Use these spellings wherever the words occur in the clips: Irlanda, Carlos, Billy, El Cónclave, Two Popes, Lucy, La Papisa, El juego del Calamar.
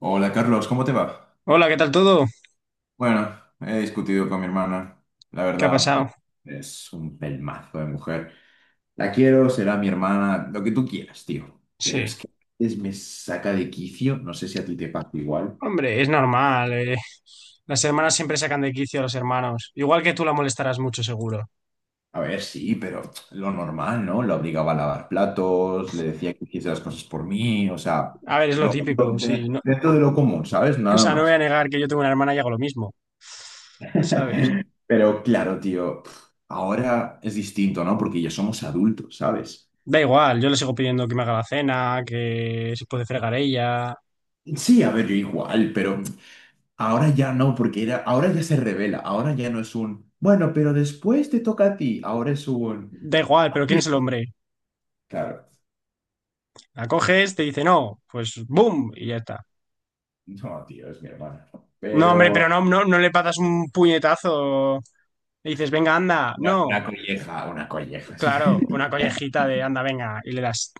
Hola Carlos, ¿cómo te va? Hola, ¿qué tal todo? Bueno, he discutido con mi hermana. La ¿Qué ha verdad, pasado? es un pelmazo de mujer. La quiero, será mi hermana, lo que tú quieras, tío. Pero Sí. es que a veces me saca de quicio, no sé si a ti te pasa igual. Hombre, es normal. Las hermanas siempre sacan de quicio a los hermanos. Igual que tú la molestarás mucho, seguro. A ver, sí, pero lo normal, ¿no? Lo obligaba a lavar platos, le decía que hiciese las cosas por mí, o sea, A ver, es lo lo- típico, lo- sí. No, dentro de lo común, ¿sabes? o Nada sea, no voy a más. negar que yo tengo una hermana y hago lo mismo, ¿sabes? Pero claro, tío, ahora es distinto, ¿no? Porque ya somos adultos, ¿sabes? Da igual, yo le sigo pidiendo que me haga la cena, que se puede fregar ella. Sí, a ver, yo igual, pero ahora ya no, porque era, ahora ya se revela, ahora ya no es un, bueno, pero después te toca a ti, ahora es un, Da igual, "Ah, pero ¿quién es bien". el hombre? Claro, La coges, te dice no, pues ¡boom! Y ya está. no, tío, es mi hermana, No, hombre, pero pero no, no, no le patas un puñetazo. Le dices, venga, anda. una, No. una colleja, una colleja. Claro, una collejita de anda, venga, y le das.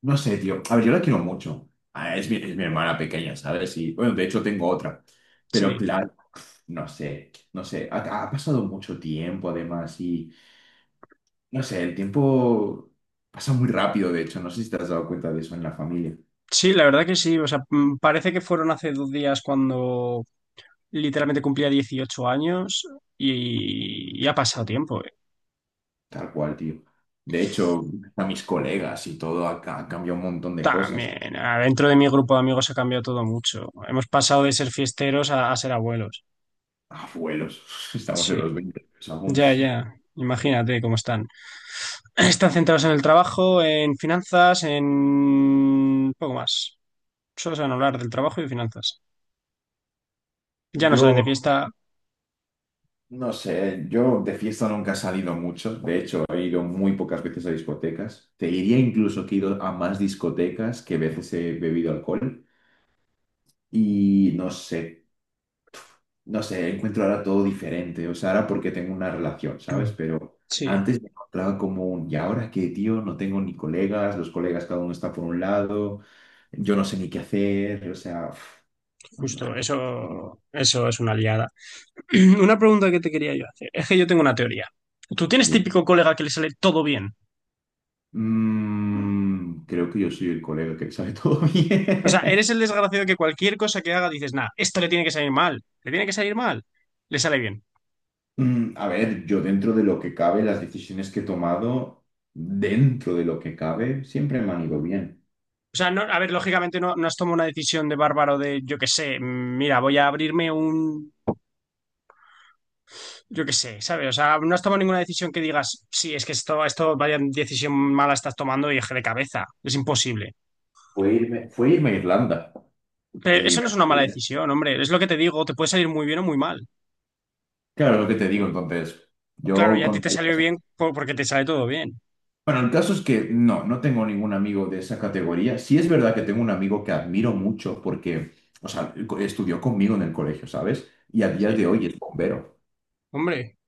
No sé, tío, a ver, yo la quiero mucho. Ah, es mi hermana pequeña, ¿sabes? Y, bueno, de hecho tengo otra, pero Sí, claro, no sé, no sé, ha pasado mucho tiempo además y... No sé, el tiempo pasa muy rápido, de hecho, no sé si te has dado cuenta de eso en la familia, sí, la verdad que sí. O sea, parece que fueron hace 2 días cuando literalmente cumplía 18 años y ha pasado tiempo. Tal cual, tío. De hecho, a mis colegas y todo ha cambiado un montón de cosas. También, ah, dentro de mi grupo de amigos ha cambiado todo mucho. Hemos pasado de ser fiesteros a ser abuelos. Abuelos, estamos en Sí, los 20 años aún, ya, tío. ya. Imagínate cómo están. Están centrados en el trabajo, en finanzas, en poco más. Solo saben hablar del trabajo y de finanzas. Ya no salen de Yo, fiesta. no sé, yo de fiesta nunca he salido mucho, de hecho, he ido muy pocas veces a discotecas. Te diría incluso que he ido a más discotecas que veces he bebido alcohol y no sé. No sé, encuentro ahora todo diferente, o sea, ahora porque tengo una relación, ¿sabes? Pero Sí. antes me encontraba como un, ¿y ahora qué, tío? No tengo ni colegas, los colegas cada uno está por un lado, yo no sé ni qué hacer, o sea, uf, nah, Justo, eso es una liada. Una pregunta que te quería yo hacer. Es que yo tengo una teoría. Tú tienes dime. típico colega que le sale todo bien. Mm, creo que yo soy el colega que sabe todo O sea, bien. eres el desgraciado que cualquier cosa que haga dices, nah, esto le tiene que salir mal, le tiene que salir mal, le sale bien. Mm, a ver, yo dentro de lo que cabe, las decisiones que he tomado, dentro de lo que cabe, siempre me han ido bien. O sea, no, a ver, lógicamente no, no has tomado una decisión de bárbaro de, yo qué sé, mira, voy a abrirme un, yo qué sé, ¿sabes? O sea, no has tomado ninguna decisión que digas, sí, es que esto, vaya decisión mala estás tomando y eje de cabeza. Es imposible. Fue irme a Irlanda Pero y eso me no es una mala fui. decisión, hombre. Es lo que te digo, te puede salir muy bien o muy mal. Claro, lo que te digo entonces, Claro, yo y a ti te contaría salió esa. bien porque te sale todo bien. Bueno, el caso es que no, no tengo ningún amigo de esa categoría. Sí es verdad que tengo un amigo que admiro mucho porque, o sea, estudió conmigo en el colegio, ¿sabes? Y a día de Sí. hoy es bombero. Hombre,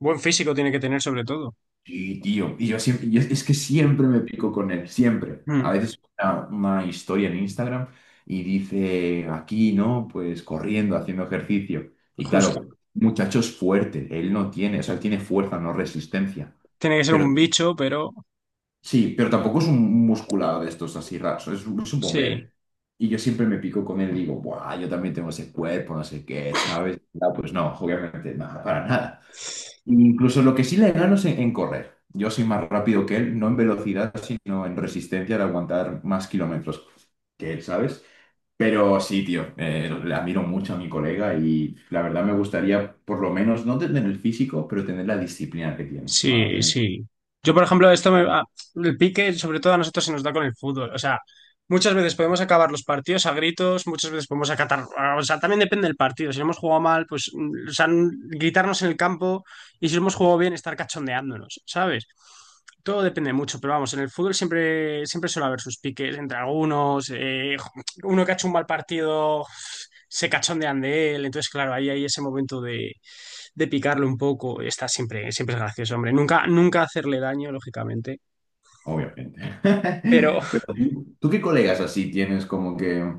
buen físico tiene que tener sobre todo. Sí, tío. Y yo siempre, y es que siempre me pico con él, siempre. A Mm, veces una historia en Instagram y dice, aquí, ¿no? Pues corriendo, haciendo ejercicio. Y justo. claro, muchacho es fuerte, él no tiene, o sea, él tiene fuerza, no resistencia, Tiene que ser pero un bicho, pero sí, pero tampoco es un musculado de estos así raros, es un bombero. sí, Y yo siempre me pico con él y digo, ¡buah! Yo también tengo ese cuerpo, no sé qué, ¿sabes? No, pues no, obviamente, nada, para nada. Incluso lo que sí le gano es en correr. Yo soy más rápido que él, no en velocidad, sino en resistencia de aguantar más kilómetros que él, ¿sabes? Pero sí, tío, le admiro mucho a mi colega y la verdad me gustaría, por lo menos, no tener el físico, pero tener la disciplina que tiene para sí, tener. sí. Yo, por ejemplo, el pique, sobre todo a nosotros se nos da con el fútbol. O sea, muchas veces podemos acabar los partidos a gritos, muchas veces podemos acatar... ah, O sea, también depende del partido. Si hemos jugado mal, pues, o sea, gritarnos en el campo y si hemos jugado bien, estar cachondeándonos, ¿sabes? Todo depende mucho, pero vamos, en el fútbol siempre, siempre suele haber sus piques entre algunos, uno que ha hecho un mal partido se cachondean de él, entonces claro, ahí hay ese momento de picarlo un poco, está siempre, siempre es gracioso, hombre, nunca, nunca hacerle daño, lógicamente, Obviamente. pero, Pero tú, ¿tú qué colegas así tienes como que,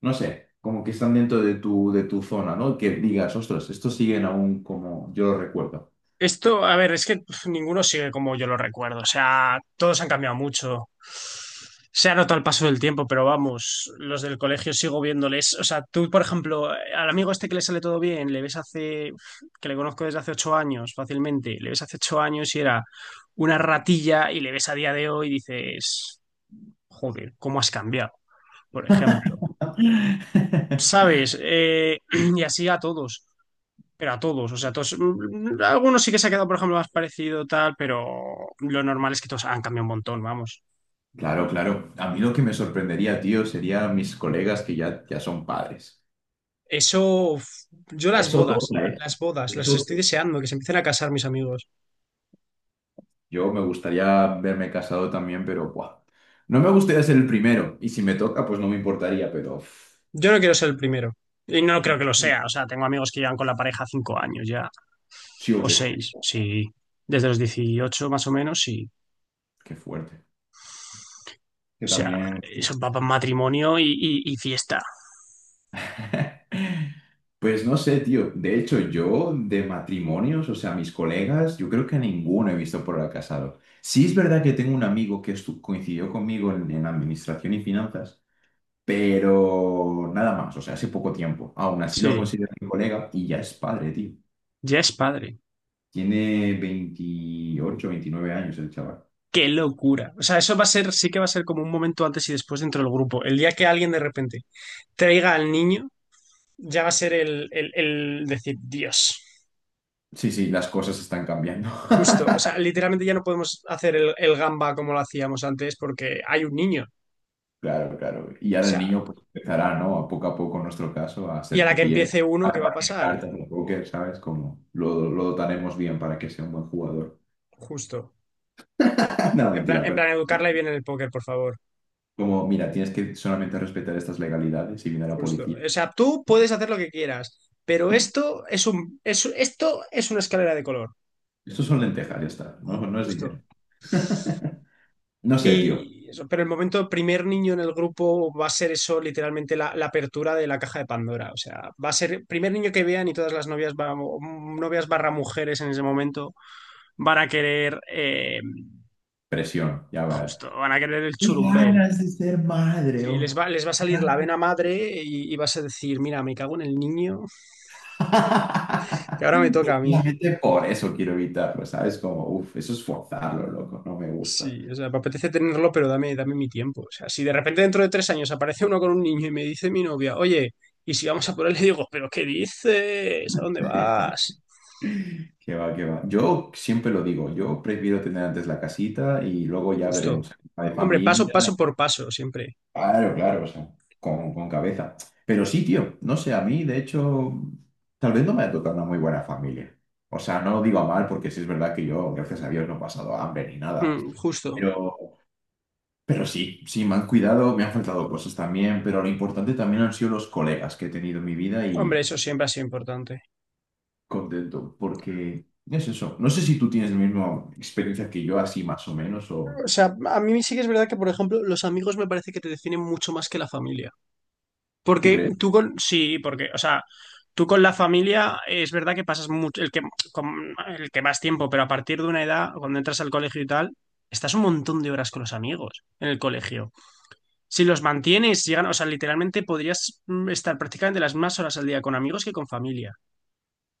no sé, como que están dentro de tu zona, ¿no? Que digas, ostras, estos siguen aún como yo lo recuerdo. esto, a ver, es que ninguno sigue como yo lo recuerdo. O sea, todos han cambiado mucho. Se ha notado el paso del tiempo, pero vamos, los del colegio sigo viéndoles. O sea, tú, por ejemplo, al amigo este que le sale todo bien, le ves hace, que le conozco desde hace 8 años fácilmente, le ves hace 8 años y era una ratilla y le ves a día de hoy y dices, joder, ¿cómo has cambiado? Por ejemplo, ¿sabes? Y así a todos. Pero a todos, o sea, todos, algunos sí que se ha quedado, por ejemplo, más parecido tal, pero lo normal es que todos han cambiado un montón, vamos. Claro, claro. A mí lo que me sorprendería, tío, serían mis colegas que ya, ya son padres. Eso, uf, yo las Eso bodas, toca, ¿eh? las bodas, las Eso estoy toca. deseando, que se empiecen a casar mis amigos. Yo me gustaría verme casado también, pero buah. No me gustaría ser el primero. Y si me toca, pues no me importaría, pero... uf, Yo no quiero ser el primero. Y no creo que lo sea, o sea, tengo amigos que llevan con la pareja 5 años ya, sí o o qué. seis, sí. Desde los 18 más o menos, sí. Qué fuerte. Que O sea, también... eso va para matrimonio y fiesta. Pues no sé, tío. De hecho, yo de matrimonios, o sea, mis colegas, yo creo que a ninguno he visto por ahora casado. Sí es verdad que tengo un amigo que coincidió conmigo en administración y finanzas, pero nada más, o sea, hace poco tiempo. Aún así lo Sí, considero mi colega y ya es padre, tío. ya es padre. Tiene 28, 29 años el chaval. Qué locura. O sea, eso va a ser, sí que va a ser como un momento antes y después dentro del grupo. El día que alguien de repente traiga al niño, ya va a ser el decir, Dios, Sí, sí, las cosas están cambiando. justo. O sea, literalmente ya no podemos hacer el gamba como lo hacíamos antes porque hay un niño. O Claro, claro. Y ahora el sea, niño pues, empezará, ¿no? A poco, en nuestro caso, a y a hacer la que cupié, empiece uno, a ¿qué va a repartir pasar? cartas de póker, ¿sabes? Como lo dotaremos bien para que sea un buen jugador. Justo. No, En plan, mentira, en pero plan, educarla y bien en el póker, por favor. como, mira, tienes que solamente respetar estas legalidades y viene la Justo. policía. O sea, tú puedes hacer lo que quieras, pero esto es una escalera de color. Estos son lentejas, ya está. No, no es dinero. Justo. No sé, tío. Y eso, pero el momento primer niño en el grupo va a ser eso, literalmente la apertura de la caja de Pandora. O sea, va a ser primer niño que vean y todas las novias, novias barra mujeres en ese momento van a querer, Presión, ya va. justo, van a querer el Qué churumbel. ganas de ser madre, Sí, les oh. va, les va a salir la vena madre y vas a decir, mira, me cago en el niño, que ahora me toca a mí. Precisamente por eso quiero evitarlo, ¿sabes? Como, uff, eso es forzarlo, loco, no me gusta. Sí, o sea, me apetece tenerlo, pero dame, dame mi tiempo. O sea, si de repente dentro de 3 años aparece uno con un niño y me dice mi novia, oye, y si vamos a por él, le digo, ¿pero qué dices? ¿A dónde vas? Qué va, qué va. Yo siempre lo digo, yo prefiero tener antes la casita y luego ya Justo. veremos. La de Hombre, paso, familia, paso por paso, siempre. claro, claro, o sea, con cabeza. Pero sí, tío, no sé, a mí, de hecho, tal vez no me ha tocado una muy buena familia. O sea, no lo digo a mal porque sí es verdad que yo, gracias a Dios, no he pasado hambre ni nada. Mm, justo. Pero sí, sí, me han cuidado, me han faltado cosas también, pero lo importante también han sido los colegas que he tenido en mi vida Hombre, y eso siempre ha sido importante. contento, porque es eso. No sé si tú tienes la misma experiencia que yo, así más o menos, o O sea, a mí sí que es verdad que, por ejemplo, los amigos me parece que te definen mucho más que la familia. tú Porque crees. tú con, sí, porque, o sea, tú con la familia es verdad que pasas mucho, el que, el que más tiempo, pero a partir de una edad, cuando entras al colegio y tal, estás un montón de horas con los amigos en el colegio. Si los mantienes, si llegan, o sea, literalmente podrías estar prácticamente las más horas al día con amigos que con familia.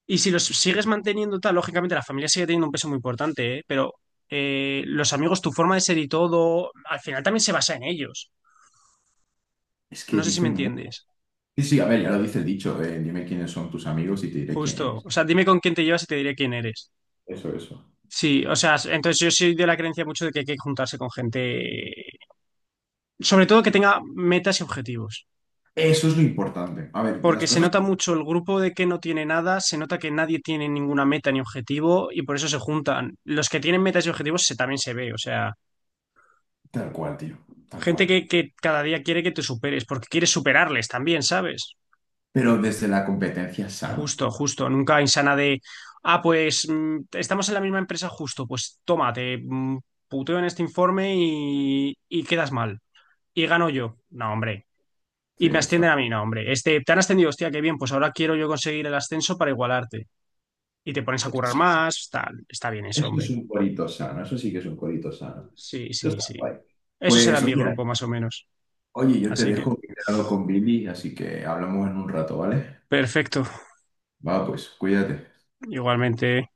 Y si los sigues manteniendo tal, lógicamente la familia sigue teniendo un peso muy importante, ¿eh? Pero los amigos, tu forma de ser y todo, al final también se basa en ellos. Es que No sé si me dicen mucho. entiendes. Sí, sí, a ver, ya lo dice el dicho, dime quiénes son tus amigos y te diré quién Justo. eres. O sea, dime con quién te llevas y te diré quién eres. Eso, eso. Sí, o sea, entonces yo soy de la creencia mucho de que hay que juntarse con gente, sobre todo que tenga metas y objetivos, Eso es lo importante. A ver, porque las se cosas nota mucho el grupo de que no tiene nada, se nota que nadie tiene ninguna meta ni objetivo y por eso se juntan. Los que tienen metas y objetivos también se ve, o sea, tal cual, tío, tal gente cual. que, cada día quiere que te superes, porque quieres superarles también, ¿sabes? Pero desde la competencia sana. Justo, justo, nunca insana de, pues estamos en la misma empresa justo, pues tómate, puteo en este informe y quedas mal. Y gano yo. No, hombre. Sí, Y me eso. ascienden a mí, no, hombre. Este, te han ascendido, hostia, qué bien, pues ahora quiero yo conseguir el ascenso para igualarte. Y te pones a currar más, tal. Está bien eso, Eso es hombre. un corito sano, eso sí que es un corito sano. Sí, Esto sí, está sí. guay. Eso será Pues mi oye, grupo, más o menos. oye, yo te Así que, dejo que he quedado con Billy, así que hablamos en un rato, ¿vale? perfecto. Va, pues, cuídate. Igualmente.